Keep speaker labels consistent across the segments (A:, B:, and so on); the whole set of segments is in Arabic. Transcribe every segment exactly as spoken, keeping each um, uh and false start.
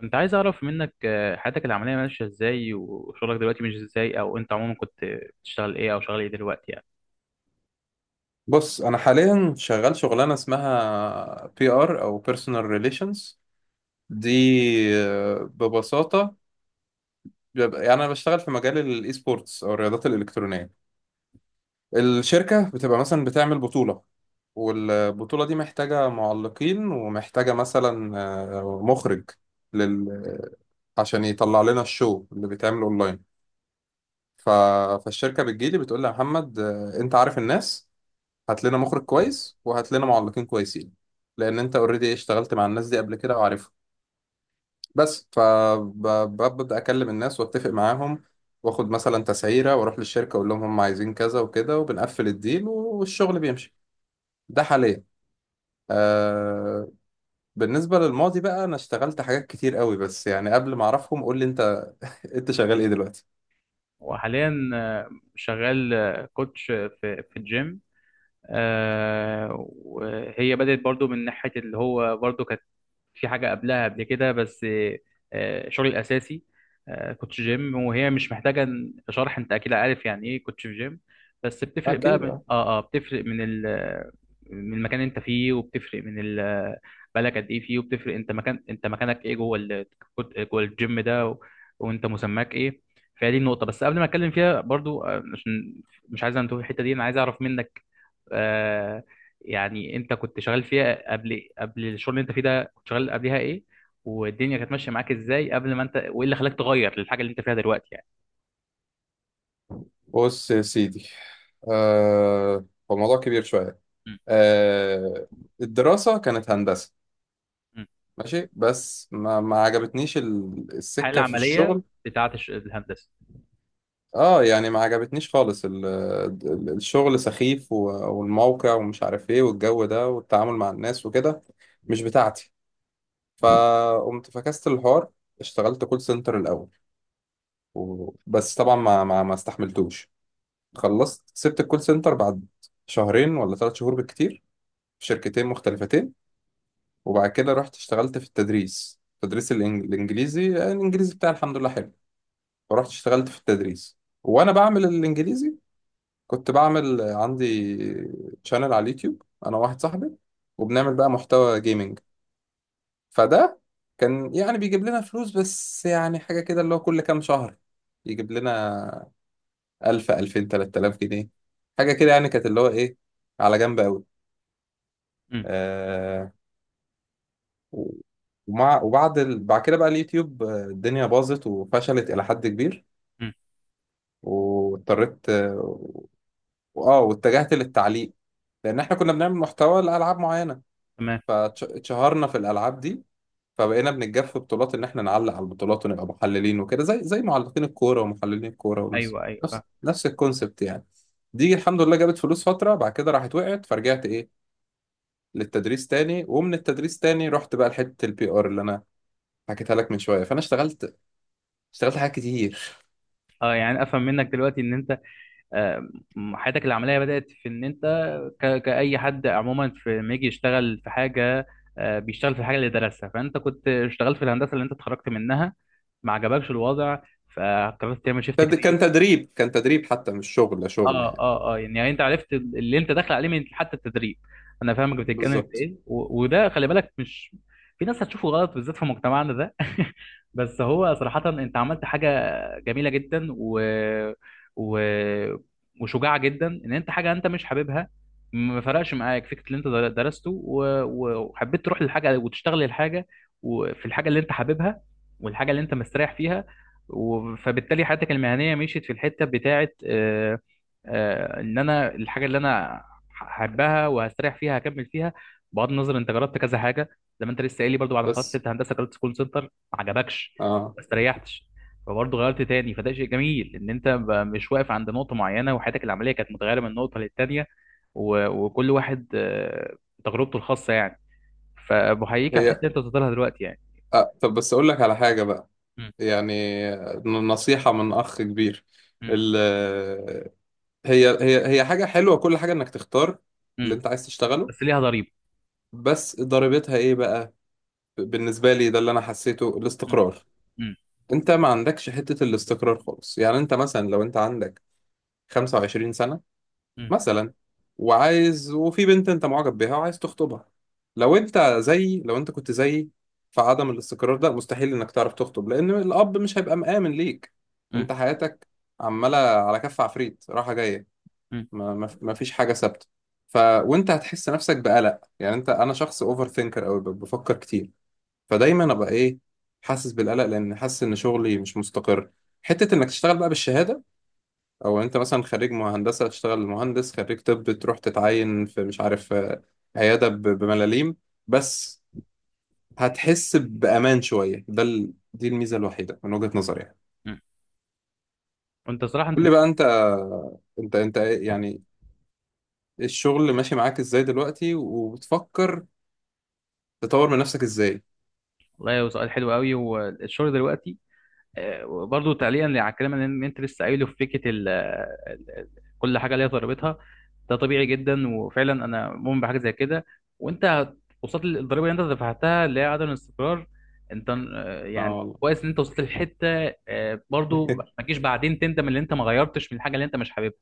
A: كنت عايز اعرف منك آه، حياتك العمليه ماشيه ازاي وشغلك دلوقتي مش ازاي او انت عموما كنت بتشتغل ايه او شغال ايه دلوقتي يعني.
B: بص، انا حاليا شغال شغلانه اسمها بي ار او بيرسونال ريليشنز دي. آه، ببساطه بيبقى- يعني انا بشتغل في مجال الاي سبورتس او الرياضات الالكترونيه. الشركه بتبقى مثلا بتعمل بطوله، والبطوله دي محتاجه معلقين ومحتاجه مثلا آه، مخرج لل عشان يطلع لنا الشو اللي بيتعمل اونلاين. ف... فالشركه بتجيلي بتقول لي يا محمد، آه، انت عارف الناس، هات لنا مخرج كويس وهات لنا معلقين كويسين لان انت اوريدي اشتغلت مع الناس دي قبل كده وعارفهم. بس فببدا اكلم الناس واتفق معاهم، واخد مثلا تسعيره واروح للشركه اقول لهم هم عايزين كذا وكده، وبنقفل الديل والشغل بيمشي. ده حاليا. آه بالنسبه للماضي بقى، انا اشتغلت حاجات كتير قوي، بس يعني قبل ما اعرفهم قول لي انت، انت شغال ايه دلوقتي؟
A: وحاليا آه، شغال آه، كوتش في في الجيم. آه، وهي بدأت برضو من ناحيه اللي هو برضو في حاجة قبلها قبل كده، بس آه، شغلي الأساسي آه، كنت في جيم، وهي مش محتاجة شرح، أنت أكيد عارف يعني إيه كنت في جيم. بس بتفرق بقى
B: اكيد
A: من
B: اه.
A: آه آه بتفرق من ال من المكان اللي أنت فيه، وبتفرق من ال بقالك قد إيه فيه، وبتفرق أنت مكان أنت مكانك إيه جوه ال جوه الجيم ده، و... وأنت مسماك إيه؟ فهي دي النقطة، بس قبل ما أتكلم فيها برضو آه، عشان مش عايز أنتهي الحتة دي، أنا عايز أعرف منك آه، يعني أنت كنت شغال فيها قبل قبل الشغل اللي أنت فيه ده، كنت شغال قبلها ايه، والدنيا كانت ماشيه معاك ازاي قبل ما انت، وايه اللي خلاك تغير للحاجه اللي انت فيها دلوقتي يعني؟
B: بص يا سيدي، آه هو الموضوع كبير شويه.
A: مم.
B: آه الدراسه كانت هندسه،
A: مم.
B: ماشي، بس ما, ما عجبتنيش ال-
A: الحاله
B: السكة في
A: العمليه
B: الشغل.
A: بتاعه الش- الهندسه.
B: اه يعني ما عجبتنيش خالص ال- ال- الشغل سخيف و- والموقع ومش عارف ايه والجو ده والتعامل مع الناس وكده، مش بتاعتي. فقمت فكست الحوار، اشتغلت كول سنتر الأول، و- بس طبعا ما ما, ما استحملتوش. خلصت سبت الكول سنتر بعد شهرين ولا ثلاث شهور بالكتير، في شركتين مختلفتين. وبعد كده رحت اشتغلت في التدريس، تدريس الإنج- الإنجليزي. الإنجليزي بتاعي الحمد لله حلو، فرحت اشتغلت في التدريس. وانا بعمل الانجليزي، كنت بعمل عندي شانل على اليوتيوب انا واحد صاحبي، وبنعمل بقى محتوى جيمنج. فده كان يعني بيجيب لنا فلوس، بس يعني حاجة كده، اللي هو كل كام شهر يجيب لنا ألف ألفين تلات آلاف جنيه، حاجة كده يعني، كانت اللي هو إيه، على جنب أوي.
A: مم.
B: آه و- ومع وبعد ال... بعد كده بقى اليوتيوب، آه، الدنيا باظت وفشلت إلى حد كبير،
A: مم.
B: واضطريت واه واتجهت للتعليق لان احنا كنا بنعمل محتوى لالعاب معينه،
A: تمام.
B: فاتشهرنا في الالعاب دي، فبقينا بنتجاب في بطولات ان احنا نعلق على البطولات ونبقى محللين وكده، زي زي معلقين الكوره ومحللين الكوره، ونفس
A: ايوه، ايوه، فاهم.
B: نفس نفس الكونسبت يعني. دي الحمد لله جابت فلوس فتره، بعد كده راحت وقعت، فرجعت ايه للتدريس تاني، ومن التدريس تاني رحت بقى لحته البي ار اللي انا حكيتها لك من شويه. فانا اشتغلت، اشتغلت حاجات كتير.
A: اه، يعني افهم منك دلوقتي ان انت آه، م- حياتك العمليه بدات في ان انت ك- كاي حد عموما في لما يجي يشتغل في حاجه، آه، بيشتغل في الحاجه اللي درسها. فانت كنت اشتغلت في الهندسه اللي انت اتخرجت منها، ما عجبكش الوضع، فقررت تعمل شيفت
B: تد- كان
A: كارير.
B: تدريب، كان تدريب حتى مش شغل شغل
A: اه
B: يعني.
A: اه اه يعني, يعني انت عرفت اللي انت داخل عليه من حتى التدريب، انا فاهمك بتتكلم في
B: بالظبط.
A: ايه، و... وده خلي بالك مش في ناس هتشوفه غلط بالذات في مجتمعنا ده. بس هو صراحة انت عملت حاجة جميلة جدا و... و... وشجاعة جدا، ان انت حاجة انت مش حاببها، ما فرقش معاك فكرة اللي انت در- درسته، و... و- وحبيت تروح للحاجة وتشتغل الحاجة، وفي الحاجة اللي انت حاببها، والحاجة اللي انت مستريح فيها. و... فبالتالي حياتك المهنية مشيت في الحتة بتاعة آه، ان انا الحاجه اللي انا هحبها وهستريح فيها هكمل فيها، بغض النظر انت جربت كذا حاجه. زي ما انت لسه قايل لي برضو، بعد ما خلصت
B: بس
A: انت هندسه جربت كول سنتر، ما عجبكش،
B: اه.
A: ما استريحتش، فبرضه غيرت تاني. فده شيء جميل ان انت ب- مش واقف عند نقطه معينه، وحياتك العمليه كانت متغيره من نقطه للتانيه، و- وكل واحد آه، تجربته الخاصه يعني، فبحييك على الحته
B: هي
A: اللي انت وصلت لها دلوقتي يعني.
B: أه، طب بس أقول لك على حاجة بقى،
A: م-
B: يعني ن- نصيحة من أخ كبير.
A: م-
B: ال هي هي هي حاجة حلوة كل حاجة إنك تختار
A: م.
B: اللي أنت عايز تشتغله،
A: بس ليها ضريبه.
B: بس ضريبتها إيه بقى؟ بالنسبة لي ده اللي أنا حسيته،
A: م-
B: الاستقرار.
A: م-
B: أنت ما عندكش حتة الاستقرار خالص، يعني أنت مثلا لو أنت عندك خمسة وعشرين سنة
A: م-
B: مثلا، وعايز، وفي بنت انت معجب بيها وعايز تخطبها، لو انت زي، لو انت كنت زيي، فعدم الاستقرار ده مستحيل انك تعرف تخطب، لان الاب مش هيبقى مآمن ليك.
A: م-
B: انت حياتك عمالة على كف عفريت، رايحة جاية،
A: م-
B: ما ما- ما فيش حاجة ثابتة. ف وانت هتحس نفسك بقلق، يعني انت، انا شخص اوفر ثينكر قوي، بفكر كتير، فدايما ابقى ايه، حاسس بالقلق لان حاسس ان شغلي مش مستقر. حتة انك تشتغل بقى بالشهادة، او انت مثلا خريج مه- هندسه تشتغل مهندس، خريج طب تروح تتعين في مش عارف آه، عياده ب- بملاليم، بس هتحس بامان شويه. ده ال... دي الميزه الوحيده من وجهه نظري يعني.
A: م. وانت صراحه انت،
B: قول لي بقى انت، انت انت إيه- يعني إيه الشغل ماشي معاك ازاي دلوقتي، وبتفكر تطور من نفسك ازاي؟
A: والله هو سؤال حلو قوي. والشغل دلوقتي آه، برضو تعليقا على الكلام اللي إن انت لسه قايله، في فكره ال ال- ال- كل حاجه ليها ضريبتها. ده طبيعي جدا وفعلا انا مؤمن بحاجه زي كده. وانت هت- وصلت للضريبه اللي انت دفعتها، اللي هي عدم الاستقرار. انت آه،
B: اه
A: يعني
B: والله.
A: كويس ان انت وصلت للحته، آه، برضو ما تجيش بعدين تندم ان انت ما غيرتش من الحاجه اللي انت مش حاببها.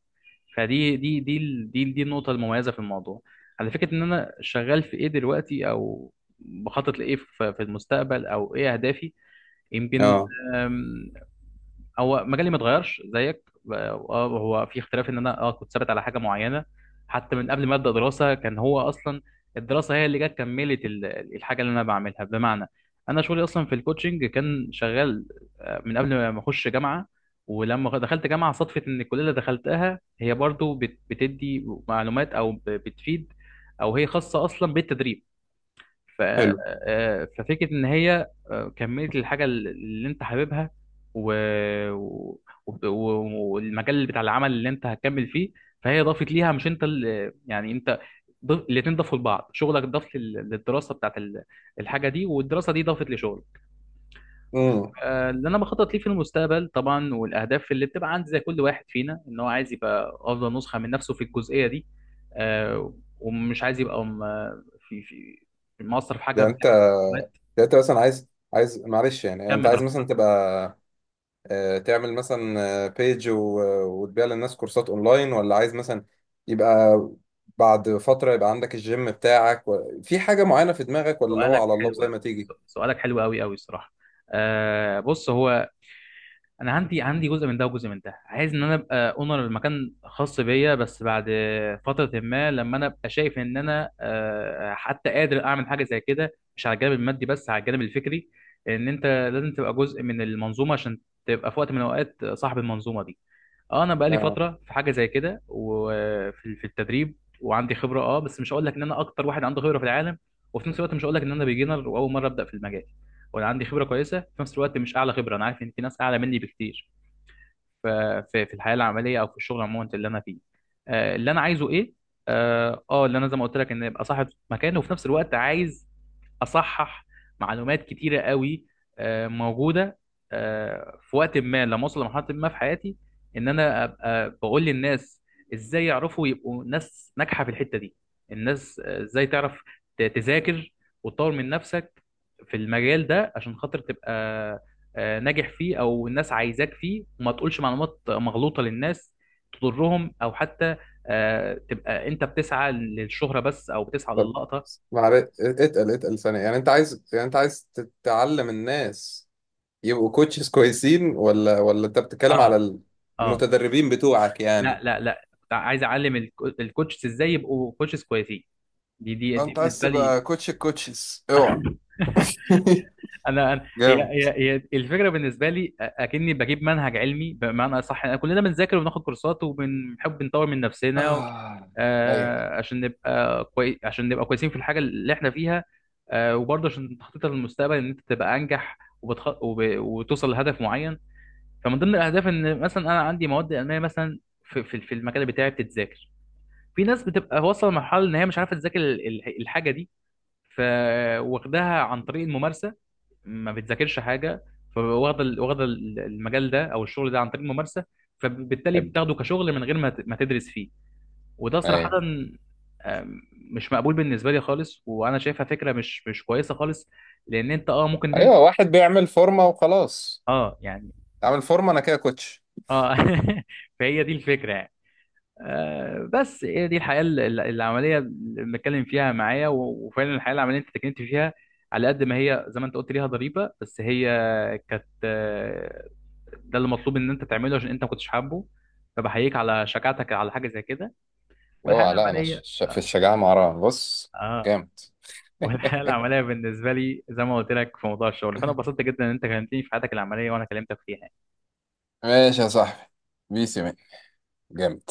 A: فدي دي دي ال- دي دي النقطة المميزة في الموضوع، على فكرة. إن أنا شغال في إيه دلوقتي، أو بخطط لإيه في في المستقبل، أو إيه أهدافي؟ يمكن
B: اه
A: هو مجالي ما اتغيرش زيك. اه، آه، هو في اختلاف ان انا اه كنت ثابت على حاجه معينه، حتى من قبل ما ابدا دراسه. كان هو اصلا الدراسه هي اللي جت كملت ال- الحاجه اللي انا بعملها، بمعنى انا شغلي اصلا في الكوتشنج كان شغال آه، من قبل ما اخش جامعه. ولما دخلت جامعه صدفه ان الكليه اللي دخلتها هي برضو بت- بتدي معلومات، او ب- بتفيد، او هي خاصه اصلا بالتدريب. ف...
B: حلو.
A: آه، ففكرة إن هي آه، كملت الحاجة اللي أنت حاببها، و... و... وب- و- والمجال بتاع العمل اللي أنت هتكمل فيه. فهي ضافت ليها، مش أنت اللي يعني أنت ضف... الاتنين ضافوا لبعض، شغلك ضاف لل- للدراسة بتاعت ال- الحاجة دي، والدراسة دي ضافت لشغلك.
B: امم،
A: آه، اللي أنا بخطط ليه في المستقبل طبعا، والأهداف اللي بتبقى عند زي كل واحد فينا، إن هو عايز يبقى أفضل نسخة من نفسه في الجزئية دي. آه، ومش عايز يبقى م- في في مقصر في حاجة
B: يعني
A: من
B: انت،
A: ناحية.
B: يعني انت مثلا عايز، عايز، معلش، يعني انت
A: كمل
B: عايز
A: براحتك.
B: مثلا تبقى آه، تعمل مثلا بيج وتبيع للناس كورسات اونلاين، ولا عايز مثلا يبقى بعد فترة يبقى عندك الجيم بتاعك و... في حاجة معينة في دماغك، ولا اللي هو
A: سؤالك
B: على الله
A: حلو
B: زي
A: أوي.
B: ما تيجي؟
A: سؤالك حلو أوي أوي الصراحة. آه بص هو، أنا عندي عندي جزء من ده وجزء من ده، عايز إن أنا أبقى أونر المكان خاص بيا، بس بعد فترة ما لما أنا أبقى شايف إن أنا آه حتى قادر أعمل حاجة زي كده، مش على الجانب المادي بس على الجانب الفكري. إن أنت لازم تبقى جزء من المنظومة عشان تبقى في وقت من الأوقات صاحب المنظومة دي. اه، انا بقالي
B: اه.
A: فتره في حاجه زي كده، وفي في التدريب، وعندي خبره. اه، بس مش هقول لك ان انا اكتر واحد عنده خبره في العالم، وفي نفس الوقت مش هقول لك ان انا بيجنر واول مره ابدا في المجال. وانا عندي خبره كويسه في نفس الوقت، مش اعلى خبره، انا عارف ان في ناس اعلى مني بكتير. ف- في في الحياه العمليه، او في الشغل عموما اللي انا فيه، آه، اللي انا عايزه ايه؟ اه، آه، اللي انا زي ما قلت لك، ان ابقى صاحب مكان، وفي نفس الوقت عايز اصحح معلومات كتيره قوي آه، موجوده، آه، في وقت ما لما اوصل لمرحله ما في حياتي، ان انا ابقى بقول للناس ازاي يعرفوا يبقوا ناس ناجحه في الحته دي. الناس آه، ازاي تعرف ت- تذاكر وتطور من نفسك في المجال ده، عشان خاطر تبقى آه، ناجح فيه، او الناس عايزاك فيه، وما تقولش معلومات مغلوطه للناس تضرهم، او حتى آه، تبقى انت بتسعى للشهره بس، او بتسعى
B: طب
A: للقطه.
B: معلش، اتقل اتقل ثانية، يعني انت عايز، يعني انت عايز تتعلم الناس يبقوا كوتشز كويسين، ولا ولا انت بتتكلم
A: اه.
B: على ال-
A: اه.
B: المتدربين بتوعك
A: لا،
B: يعني؟
A: لا، لا، كنت عايز اعلم الكو- الكوتشز ازاي يبقوا كوتشز كويسين. دي دي دي
B: انت عايز
A: بالنسبه لي.
B: تبقى كوتش الكوتشز، اوعى!
A: انا أنا- هي
B: جامد.
A: هي هي الفكره بالنسبه لي. أ- اكني بجيب منهج علمي، بمعنى اصح. أنا كلنا بنذاكر وبناخد كورسات وبنحب نطور من نفسنا
B: آه. ايوه.
A: آه، عشان نبقى كوي... عشان نبقى كويسين في الحاجه اللي احنا فيها، آه، وبرضه عشان تخطيطها للمستقبل ان انت تبقى انجح وبتخ... وب... وتوصل لهدف معين. فمن ضمن الاهداف ان مثلا انا عندي مواد المانيه مثلا في في في المجال بتاعي بتتذاكر. في ناس بتبقى واصله لمرحله ان هي مش عارفه تذاكر ال- ال- الحاجه دي، فواخداها عن طريق الممارسه، ما بتذاكرش حاجه. فواخده ال- واخده ال- المجال ده او الشغل ده عن طريق الممارسه، فبالتالي
B: حبي.
A: بتاخده كشغل من غير ما ت- ما تدرس فيه. وده صراحه
B: ايوه.
A: آم، مش مقبول بالنسبه لي خالص، وانا شايفها فكره مش مش كويسه خالص. لان انت، اه ممكن تنج...
B: ايوه، واحد بيعمل فورمه وخلاص،
A: اه يعني
B: اعمل فورمه انا كده كوتش.
A: اه فهي دي الفكره يعني. آه، بس هي دي الحياة ال- ال- العملية اللي بنتكلم فيها معايا، و- وفعلا الحياة العملية انت اتكلمت فيها، على قد ما هي زي ما انت قلت، ليها ضريبة، بس هي كانت آه، ده اللي مطلوب ان انت تعمله، عشان انت ما كنتش حابه. فبحييك على شجاعتك على حاجة زي كده. والحياة
B: اوعى، لا، انا ش-
A: العملية
B: ش- في
A: اه
B: الشجاعه مع رامي. بص،
A: آه،
B: جامد.
A: والحياة العملية بالنسبة لي زي ما قلت لك في موضوع الشغل، فانا اتبسطت جدا ان انت كلمتني في حياتك العملية وانا كلمتك فيها.
B: ماشي يا صاحبي، بيسي مين. جامد.